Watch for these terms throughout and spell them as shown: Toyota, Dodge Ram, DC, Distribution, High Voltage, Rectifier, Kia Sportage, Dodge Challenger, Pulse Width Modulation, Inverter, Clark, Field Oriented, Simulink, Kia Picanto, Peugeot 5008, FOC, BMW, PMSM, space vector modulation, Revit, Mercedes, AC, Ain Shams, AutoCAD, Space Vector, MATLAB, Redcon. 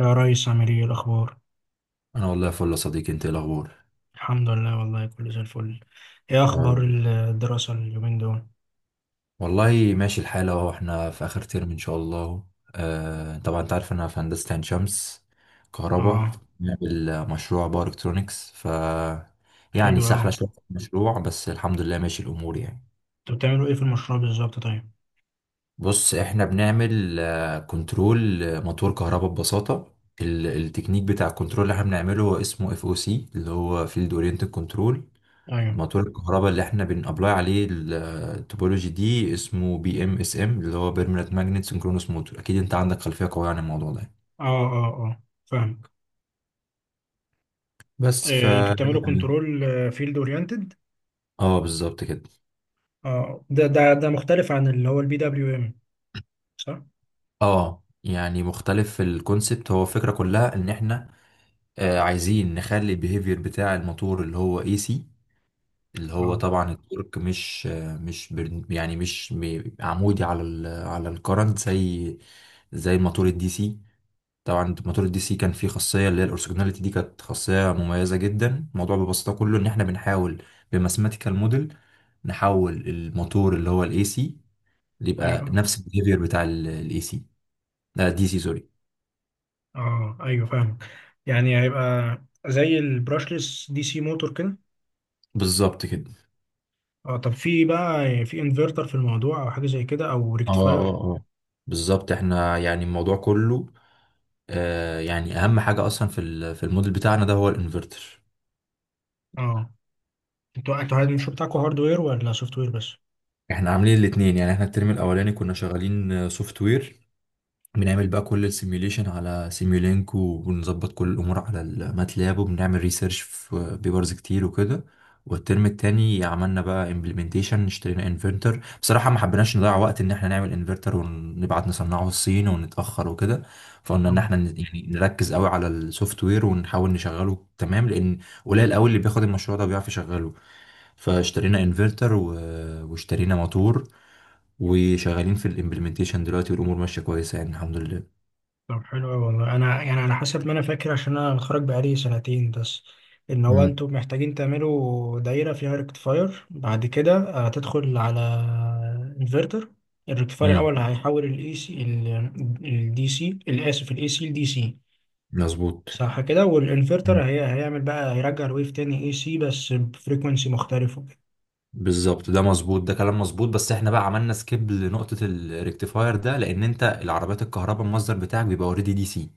يا ريس عامل ايه الاخبار؟ انا والله فل يا صديقي. انت إيه الاخبار؟ الحمد لله، والله كله زي الفل. ايه يا اخبار رب. الدراسه اليومين دول؟ والله ماشي الحال اهو، احنا في اخر ترم ان شاء الله. آه طبعا انت عارف انا في هندسه عين شمس، كهرباء. اه. بنعمل مشروع باور الكترونكس، ف يعني حلو قوي. سهله شويه في المشروع بس الحمد لله ماشي الامور يعني. انتوا بتعملوا ايه في المشروع بالظبط؟ طيب. بص احنا بنعمل كنترول موتور كهرباء ببساطه. التكنيك بتاع الكنترول اللي احنا بنعمله هو اسمه اف او سي، اللي هو فيلد اورينتد كنترول. ايوه. موتور الكهرباء اللي احنا بنابلاي عليه، التوبولوجي دي اسمه بي ام اس ام، اللي هو بيرمننت ماجنت سنكرونوس موتور. اكيد انت عندك خلفيه قويه عن الموضوع ده. اه، اه، اه، فاهمك. بس ف إيه، انتوا بتعملوا يعني- كنترول فيلد اورينتد؟ اه بالظبط كده. اه، ده مختلف عن اللي هو البي دبليو ام، صح؟ اه يعني مختلف في الكونسبت. هو الفكره كلها ان احنا عايزين نخلي البيهيفير بتاع الموتور اللي هو اي سي، اللي هو اه، طبعا التورك مش آه مش بر- يعني مش م- عمودي على على الكرنت، زي زي الموتور الدي سي. طبعا موتور الدي سي كان فيه خاصيه اللي هي الاورثوجوناليتي دي، كانت خاصيه مميزه جدا. الموضوع ببساطه كله ان احنا بنحاول بماثيماتيكال موديل نحول الموتور اللي هو الاي سي، اللي يبقى ايوه. نفس البيهيفير بتاع الاي سي، لا دي سي سوري. اه، ايوه، فاهمك. يعني هيبقى زي البراشلس دي سي موتور كده. بالظبط كده. اه، طب في بقى في انفرتر في الموضوع، او حاجه زي كده، او اه ريكتفاير؟ اه اه بالظبط. احنا يعني الموضوع كله يعني اهم حاجه اصلا في في الموديل بتاعنا ده هو الانفرتر. اه، انتوا الشغل بتاعكم هاردوير ولا سوفت وير بس؟ احنا عاملين الاثنين يعني. احنا الترم الاولاني كنا شغالين سوفت وير، بنعمل بقى كل السيميوليشن على سيميولينك، وبنظبط كل الامور على الماتلاب، وبنعمل ريسيرش في بيبرز كتير وكده. والترم التاني عملنا بقى امبلمنتيشن، اشترينا انفرتر. بصراحة ما حبيناش نضيع وقت ان احنا نعمل انفرتر ونبعت نصنعه الصين ونتأخر وكده. فقلنا ان اه، احنا نركز قوي على السوفت وير ونحاول نشغله تمام، لان قليل قوي اللي بياخد المشروع ده وبيعرف يشغله. فاشترينا انفرتر و... واشترينا موتور، وشغالين في الامبلمنتيشن دلوقتي، والامور ماشيه كويسه يعني الحمد لله. طب حلو أوي. والله انا يعني على حسب ما انا فاكر، عشان انا متخرج بقالي سنتين بس، ان هو مم. انتوا محتاجين تعملوا دايره فيها ريكتفاير بعد كده. تدخل على انفرتر. الريكتفاير امم. الاول هيحول الاي سي الدي سي، الاسف، الاي سي لدي سي، مظبوط. صح كده؟ مم. والانفرتر هي هيعمل بقى هيرجع الويف تاني اي سي بس بفريكونسي مختلفه. بالظبط ده مظبوط، ده كلام مظبوط. بس احنا بقى عملنا سكيب لنقطه الريكتيفاير ده، لان انت العربيات الكهرباء المصدر بتاعك بيبقى اوريدي دي سي،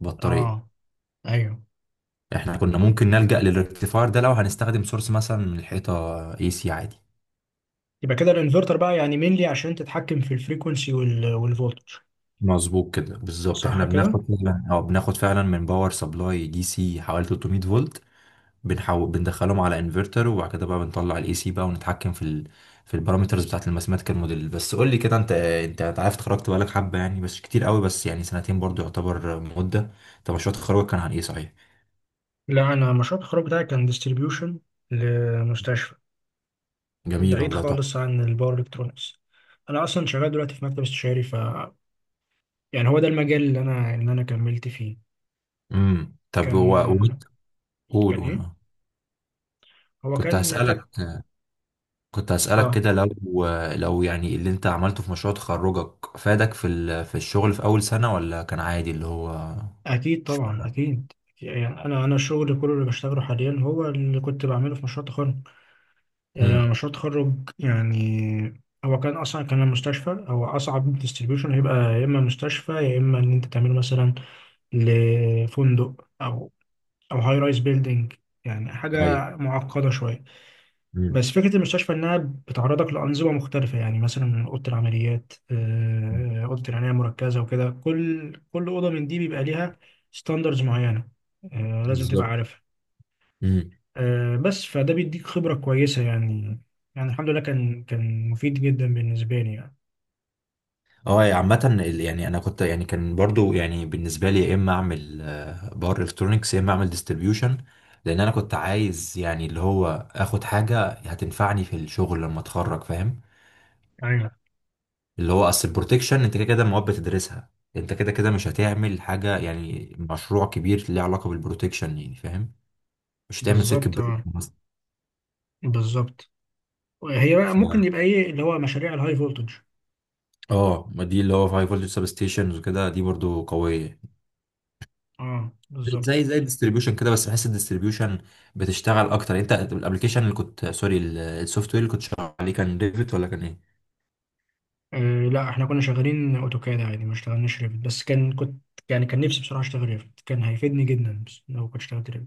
بطاريه. اه، ايوه. احنا كنا ممكن نلجأ للريكتيفاير ده لو هنستخدم سورس مثلا من الحيطه، اي سي عادي. يبقى كده الانفرتر بقى يعني مينلي عشان تتحكم في الفريكونسي والفولتج، مظبوط كده بالظبط. صح احنا كده؟ بناخد فعلا، من باور سبلاي دي سي حوالي 300 فولت. بندخلهم على انفرتر، وبعد كده بقى بنطلع الاي سي بقى ونتحكم في ال... في البارامترز بتاعت الماثيماتيكال موديل. بس قول لي كده، انت عارف اتخرجت بقالك حبه يعني، بس مش كتير قوي، بس يعني سنتين برضو يعتبر مده. طب مشروع تخرجك كان عن ايه صحيح؟ لا، انا مشروع التخرج بتاعي كان ديستريبيوشن لمستشفى، جميل بعيد والله، تحفه. خالص عن الباور الكترونكس. انا اصلا شغال دلوقتي في مكتب استشاري، ف يعني هو ده المجال اللي انا كملت فيه. امم. طب هو وانت كان قول كان قول ايه؟ اه. هو كنت كان، كانت. هسألك كنت هسألك اه، كده لو، لو يعني اللي انت عملته في مشروع تخرجك فادك في ال... في الشغل في اول سنه، ولا كان عادي اللي هو اكيد مش طبعا فارقة؟ اكيد. يعني انا الشغل كله اللي بشتغله حاليا هو اللي كنت بعمله في مشروع التخرج. امم. مشروع التخرج. يعني هو كان اصلا كان المستشفى هو اصعب ديستريبيوشن هيبقى، يا اما مستشفى، يا اما ان انت تعمله مثلا لفندق، او هاي رايز بيلدينج. يعني ايوه. حاجه معقده شويه. امم. بس فكره المستشفى انها بتعرضك لانظمه مختلفه، يعني مثلا اوضه العمليات، اوضه العنايه المركزه وكده. كل اوضه من دي بيبقى ليها ستاندرز معينه، لازم تبقى بالظبط. عارفها. امم. بس فده بيديك خبرة كويسة يعني. يعني الحمد لله، كان مفيد جدا بالنسبة لي يعني. اه يعني عامة يعني انا كنت يعني كان برضو يعني بالنسبة لي يا اما اعمل بار الكترونكس يا اما اعمل ديستريبيوشن، لان انا كنت عايز يعني اللي هو اخد حاجة هتنفعني في الشغل لما اتخرج، فاهم. ايوه، اللي هو اصل البروتكشن انت كده كده المواد بتدرسها، انت كده كده مش هتعمل حاجة يعني مشروع كبير ليه علاقة بالبروتكشن يعني، فاهم، مش هتعمل سيركت بالظبط. بريك اه، مثلا. بالظبط. هي بقى ف- ممكن يبقى ايه اللي هو مشاريع الهاي فولتج؟ اه ما دي اللي هو هاي فولتج سب ستيشنز وكده، دي برضو قوية اه، بالظبط. زي زي الديستريبيوشن كده. بس بحس الديستريبيوشن بتشتغل اكتر. انت الابلكيشن اللي كنت، سوري، السوفت وير اللي كنت شغال عليه كان ريفت ولا كان ايه؟ آه، لا، احنا كنا شغالين اوتوكاد عادي، ما اشتغلناش ريفت. بس كنت يعني كان نفسي بصراحة اشتغل ريفت، كان هيفيدني جدا بس لو كنت اشتغلت ريفت.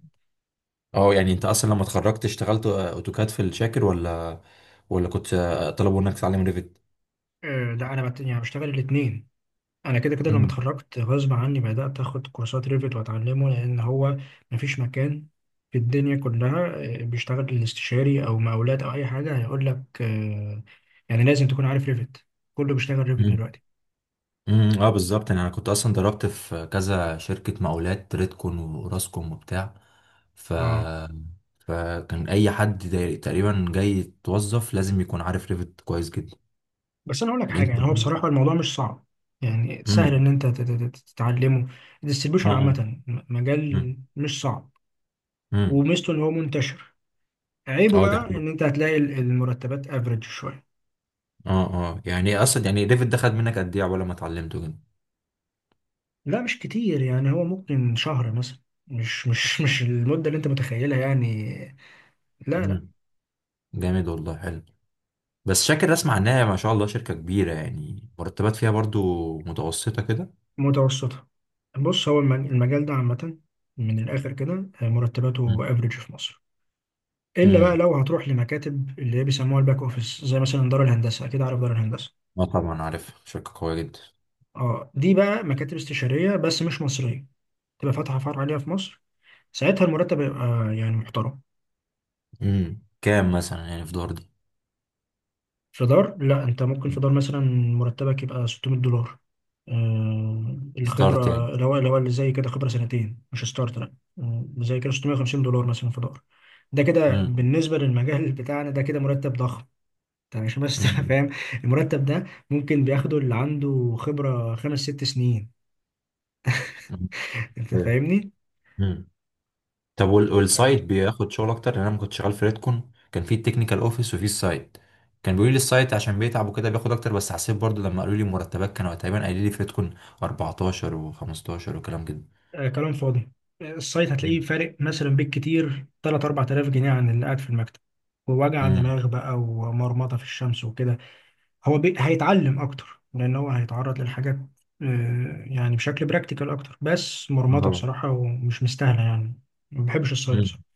اه يعني انت اصلا لما اتخرجت اشتغلت اوتوكاد في الشاكر، ولا كنت طلبوا انك تتعلم ريفت؟ آه، لا، انا يعني بشتغل الاثنين. انا كده كده لما امم. اتخرجت غصب عني بدات اخد كورسات ريفت واتعلمه، لان هو مفيش مكان في الدنيا كلها بيشتغل الاستشاري او مقاولات او اي حاجه هيقول لك، يعني لازم تكون عارف ريفت. كله بيشتغل ريفت امم. دلوقتي. أمم، اه بالظبط. يعني انا كنت اصلا ضربت في كذا شركة مقاولات، ريدكون وراسكوم وبتاع، ف اه، فكان اي حد تقريبا جاي يتوظف لازم يكون عارف ريفت كويس جدا. بس انا اقول لك حاجه، يعني هو الانترفيو. بصراحه الموضوع مش صعب، يعني سهل امم. ان انت تتعلمه. اه. الديستريبيوشن عامه آه. مجال مش صعب. امم. وميزته ان هو منتشر. عيبه اه دي بقى حلوه. ان انت هتلاقي المرتبات افريج شويه. اه اه يعني ايه اصلا، يعني ديفيد ده خد منك قد ايه عقبال ما اتعلمته كده؟ لا، مش كتير، يعني هو ممكن شهر مثلا، مش المدة اللي انت متخيلها يعني. لا، لا. امم. جامد والله، حلو. بس شاكر اسمع انها ما شاء الله شركه كبيره، يعني مرتبات فيها برضو متوسطه كده. متوسطة. بص هو المجال ده عامة، من الآخر كده امم. مرتباته افريج في مصر. إلا بقى امم. لو هتروح لمكاتب اللي هي بيسموها الباك أوفيس، زي مثلا دار الهندسة، أكيد عارف دار الهندسة. اه طبعا عارف، شركه قويه جدا. اه، دي بقى مكاتب استشارية بس مش مصرية، تبقى فاتحة فرع عليها في مصر. ساعتها المرتب يبقى يعني محترم. امم، كام مثلا يعني في دور دي؟ فدار، لا، انت ممكن فدار مثلا مرتبك يبقى 600 دولار. آه، ستارت الخبره يعني. الاول، الاول اللي زي كده خبره سنتين، مش ستارت، لا. زي كده 650 دولار مثلا فدار. ده كده امم. بالنسبه للمجال بتاعنا ده كده مرتب ضخم. يعني عشان بس تبقى فاهم. المرتب ده ممكن بياخده اللي عنده خبره خمس ست سنين، انت فاهمني؟ امم. طب والسايت بياخد شغل اكتر؟ لان انا لما كنت شغال في ريدكون كان في التكنيكال اوفيس وفي السايت، كان بيقولوا لي السايت عشان بيتعب وكده بياخد اكتر، بس حسيت برضو لما قالوا لي المرتبات كانوا تقريبا قايلين لي في ريدكون 14 و15 وكلام كده. آه، كلام فاضي. السايت هتلاقيه مم. فارق مثلا بالكتير 3 4000 جنيه عن اللي قاعد في المكتب، ووجع امم. دماغ بقى ومرمطه في الشمس وكده. هو هيتعلم اكتر، لان هو هيتعرض للحاجات، يعني بشكل براكتيكال اكتر. بس آه مرمطه طبعا. بصراحه ومش مستاهله يعني. ما بحبش الصيد امم. بصراحه.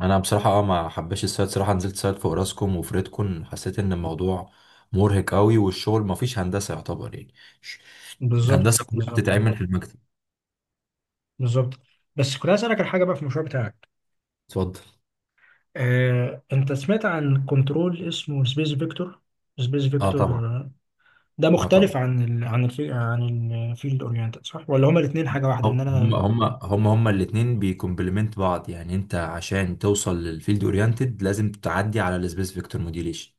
انا بصراحه اه ما حبيتش السايت صراحه، نزلت سايت في اوراسكوم وفي ريدكون حسيت ان الموضوع مرهق قوي، والشغل ما فيش هندسه يعتبر يعني. ش- بالظبط، الهندسه كلها بالظبط، بتتعمل في المكتب. بالظبط. بس كنت عايز اسالك على حاجه بقى في المشروع بتاعك. اتفضل. انت سمعت عن كنترول اسمه سبيس فيكتور، سبيس اه فيكتور؟ طبعا. ده اه مختلف طبعا، عن الفيلد اورينتد، صح، ولا هما الاثنين حاجه واحده؟ لان هم انا. هم هم هم الاثنين بيكمبلمنت بعض يعني. انت عشان توصل للفيلد اورينتد لازم تعدي على السبيس فيكتور موديوليشن.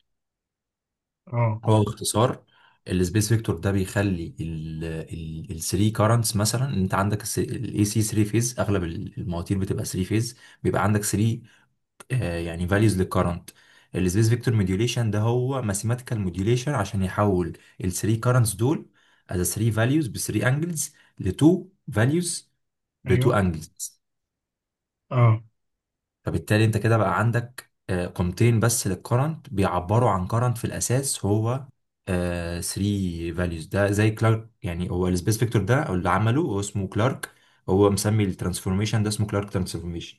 اه، هو باختصار السبيس فيكتور ده بيخلي ال 3 كارنتس، مثلا ان انت عندك الاي سي 3 فيز، اغلب المواتير بتبقى 3 فيز، بيبقى عندك 3 يعني values للكرنت. السبيس فيكتور موديوليشن ده هو ماثيماتيكال موديوليشن عشان يحول ال 3 currents دول as 3 values ب 3 angles ل 2 values ب ايوه. 2 angles. اه، فبالتالي انت كده بقى عندك قيمتين بس للكرنت بيعبروا عن current، في الاساس هو 3 values. ده زي كلارك يعني، هو السبيس فيكتور ده، اللي عمله هو اسمه كلارك. هو مسمي الترانسفورميشن ده اسمه كلارك ترانسفورميشن.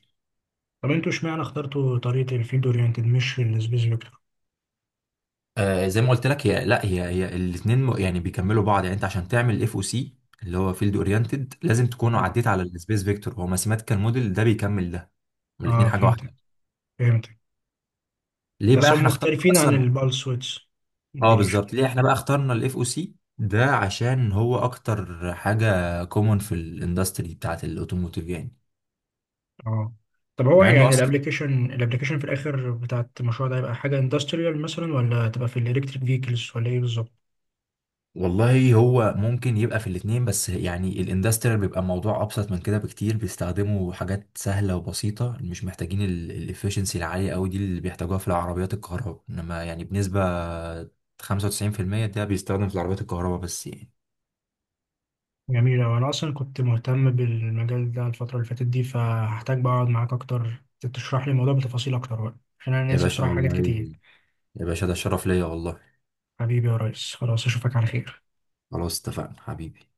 طب انتوا اشمعنى اخترتوا طريقه الفيلد اورينتد مش السبيس فيكتور؟ آه زي ما قلت لك، هي لا هي هي الاثنين يعني بيكملوا بعض. يعني انت عشان تعمل اف او سي اللي هو فيلد اورينتد لازم تكون عديت على السبيس فيكتور، هو ماثيماتيكال موديل ده بيكمل ده، اه، الاثنين حاجه فهمتك، واحده. فهمتك. ليه بس بقى هم احنا اخترنا مختلفين عن اصلا؟ البالس ويدز اه موديليشن. بالظبط، ليه احنا بقى اخترنا الاف او سي ده؟ عشان هو اكتر حاجه كومون في الاندستري بتاعت الاوتوموتيف يعني. اه، طب هو مع انه يعني اصلا، الابلكيشن في الاخر بتاعت المشروع ده هيبقى حاجه اندستريال مثلا ولا هتبقى في الالكتريك فيكلز ولا ايه بالظبط؟ والله هو ممكن يبقى في الاتنين، بس يعني الاندستريال بيبقى موضوع ابسط من كده بكتير، بيستخدموا حاجات سهله وبسيطه مش محتاجين الافشنسي العاليه قوي دي اللي بيحتاجوها في العربيات الكهرباء. انما يعني بنسبه 95% ده بيستخدم في العربيات الكهرباء بس يعني. جميل أوي. انا اصلا كنت مهتم بالمجال ده الفتره اللي فاتت دي، فهحتاج بقى اقعد معاك اكتر تشرح لي الموضوع بتفاصيل اكتر بقى، عشان انا يا ناسي باشا بصراحه حاجات والله، كتير. يا باشا ده شرف ليا والله. حبيبي يا ريس، خلاص اشوفك على خير. خلاص اتفقنا حبيبي.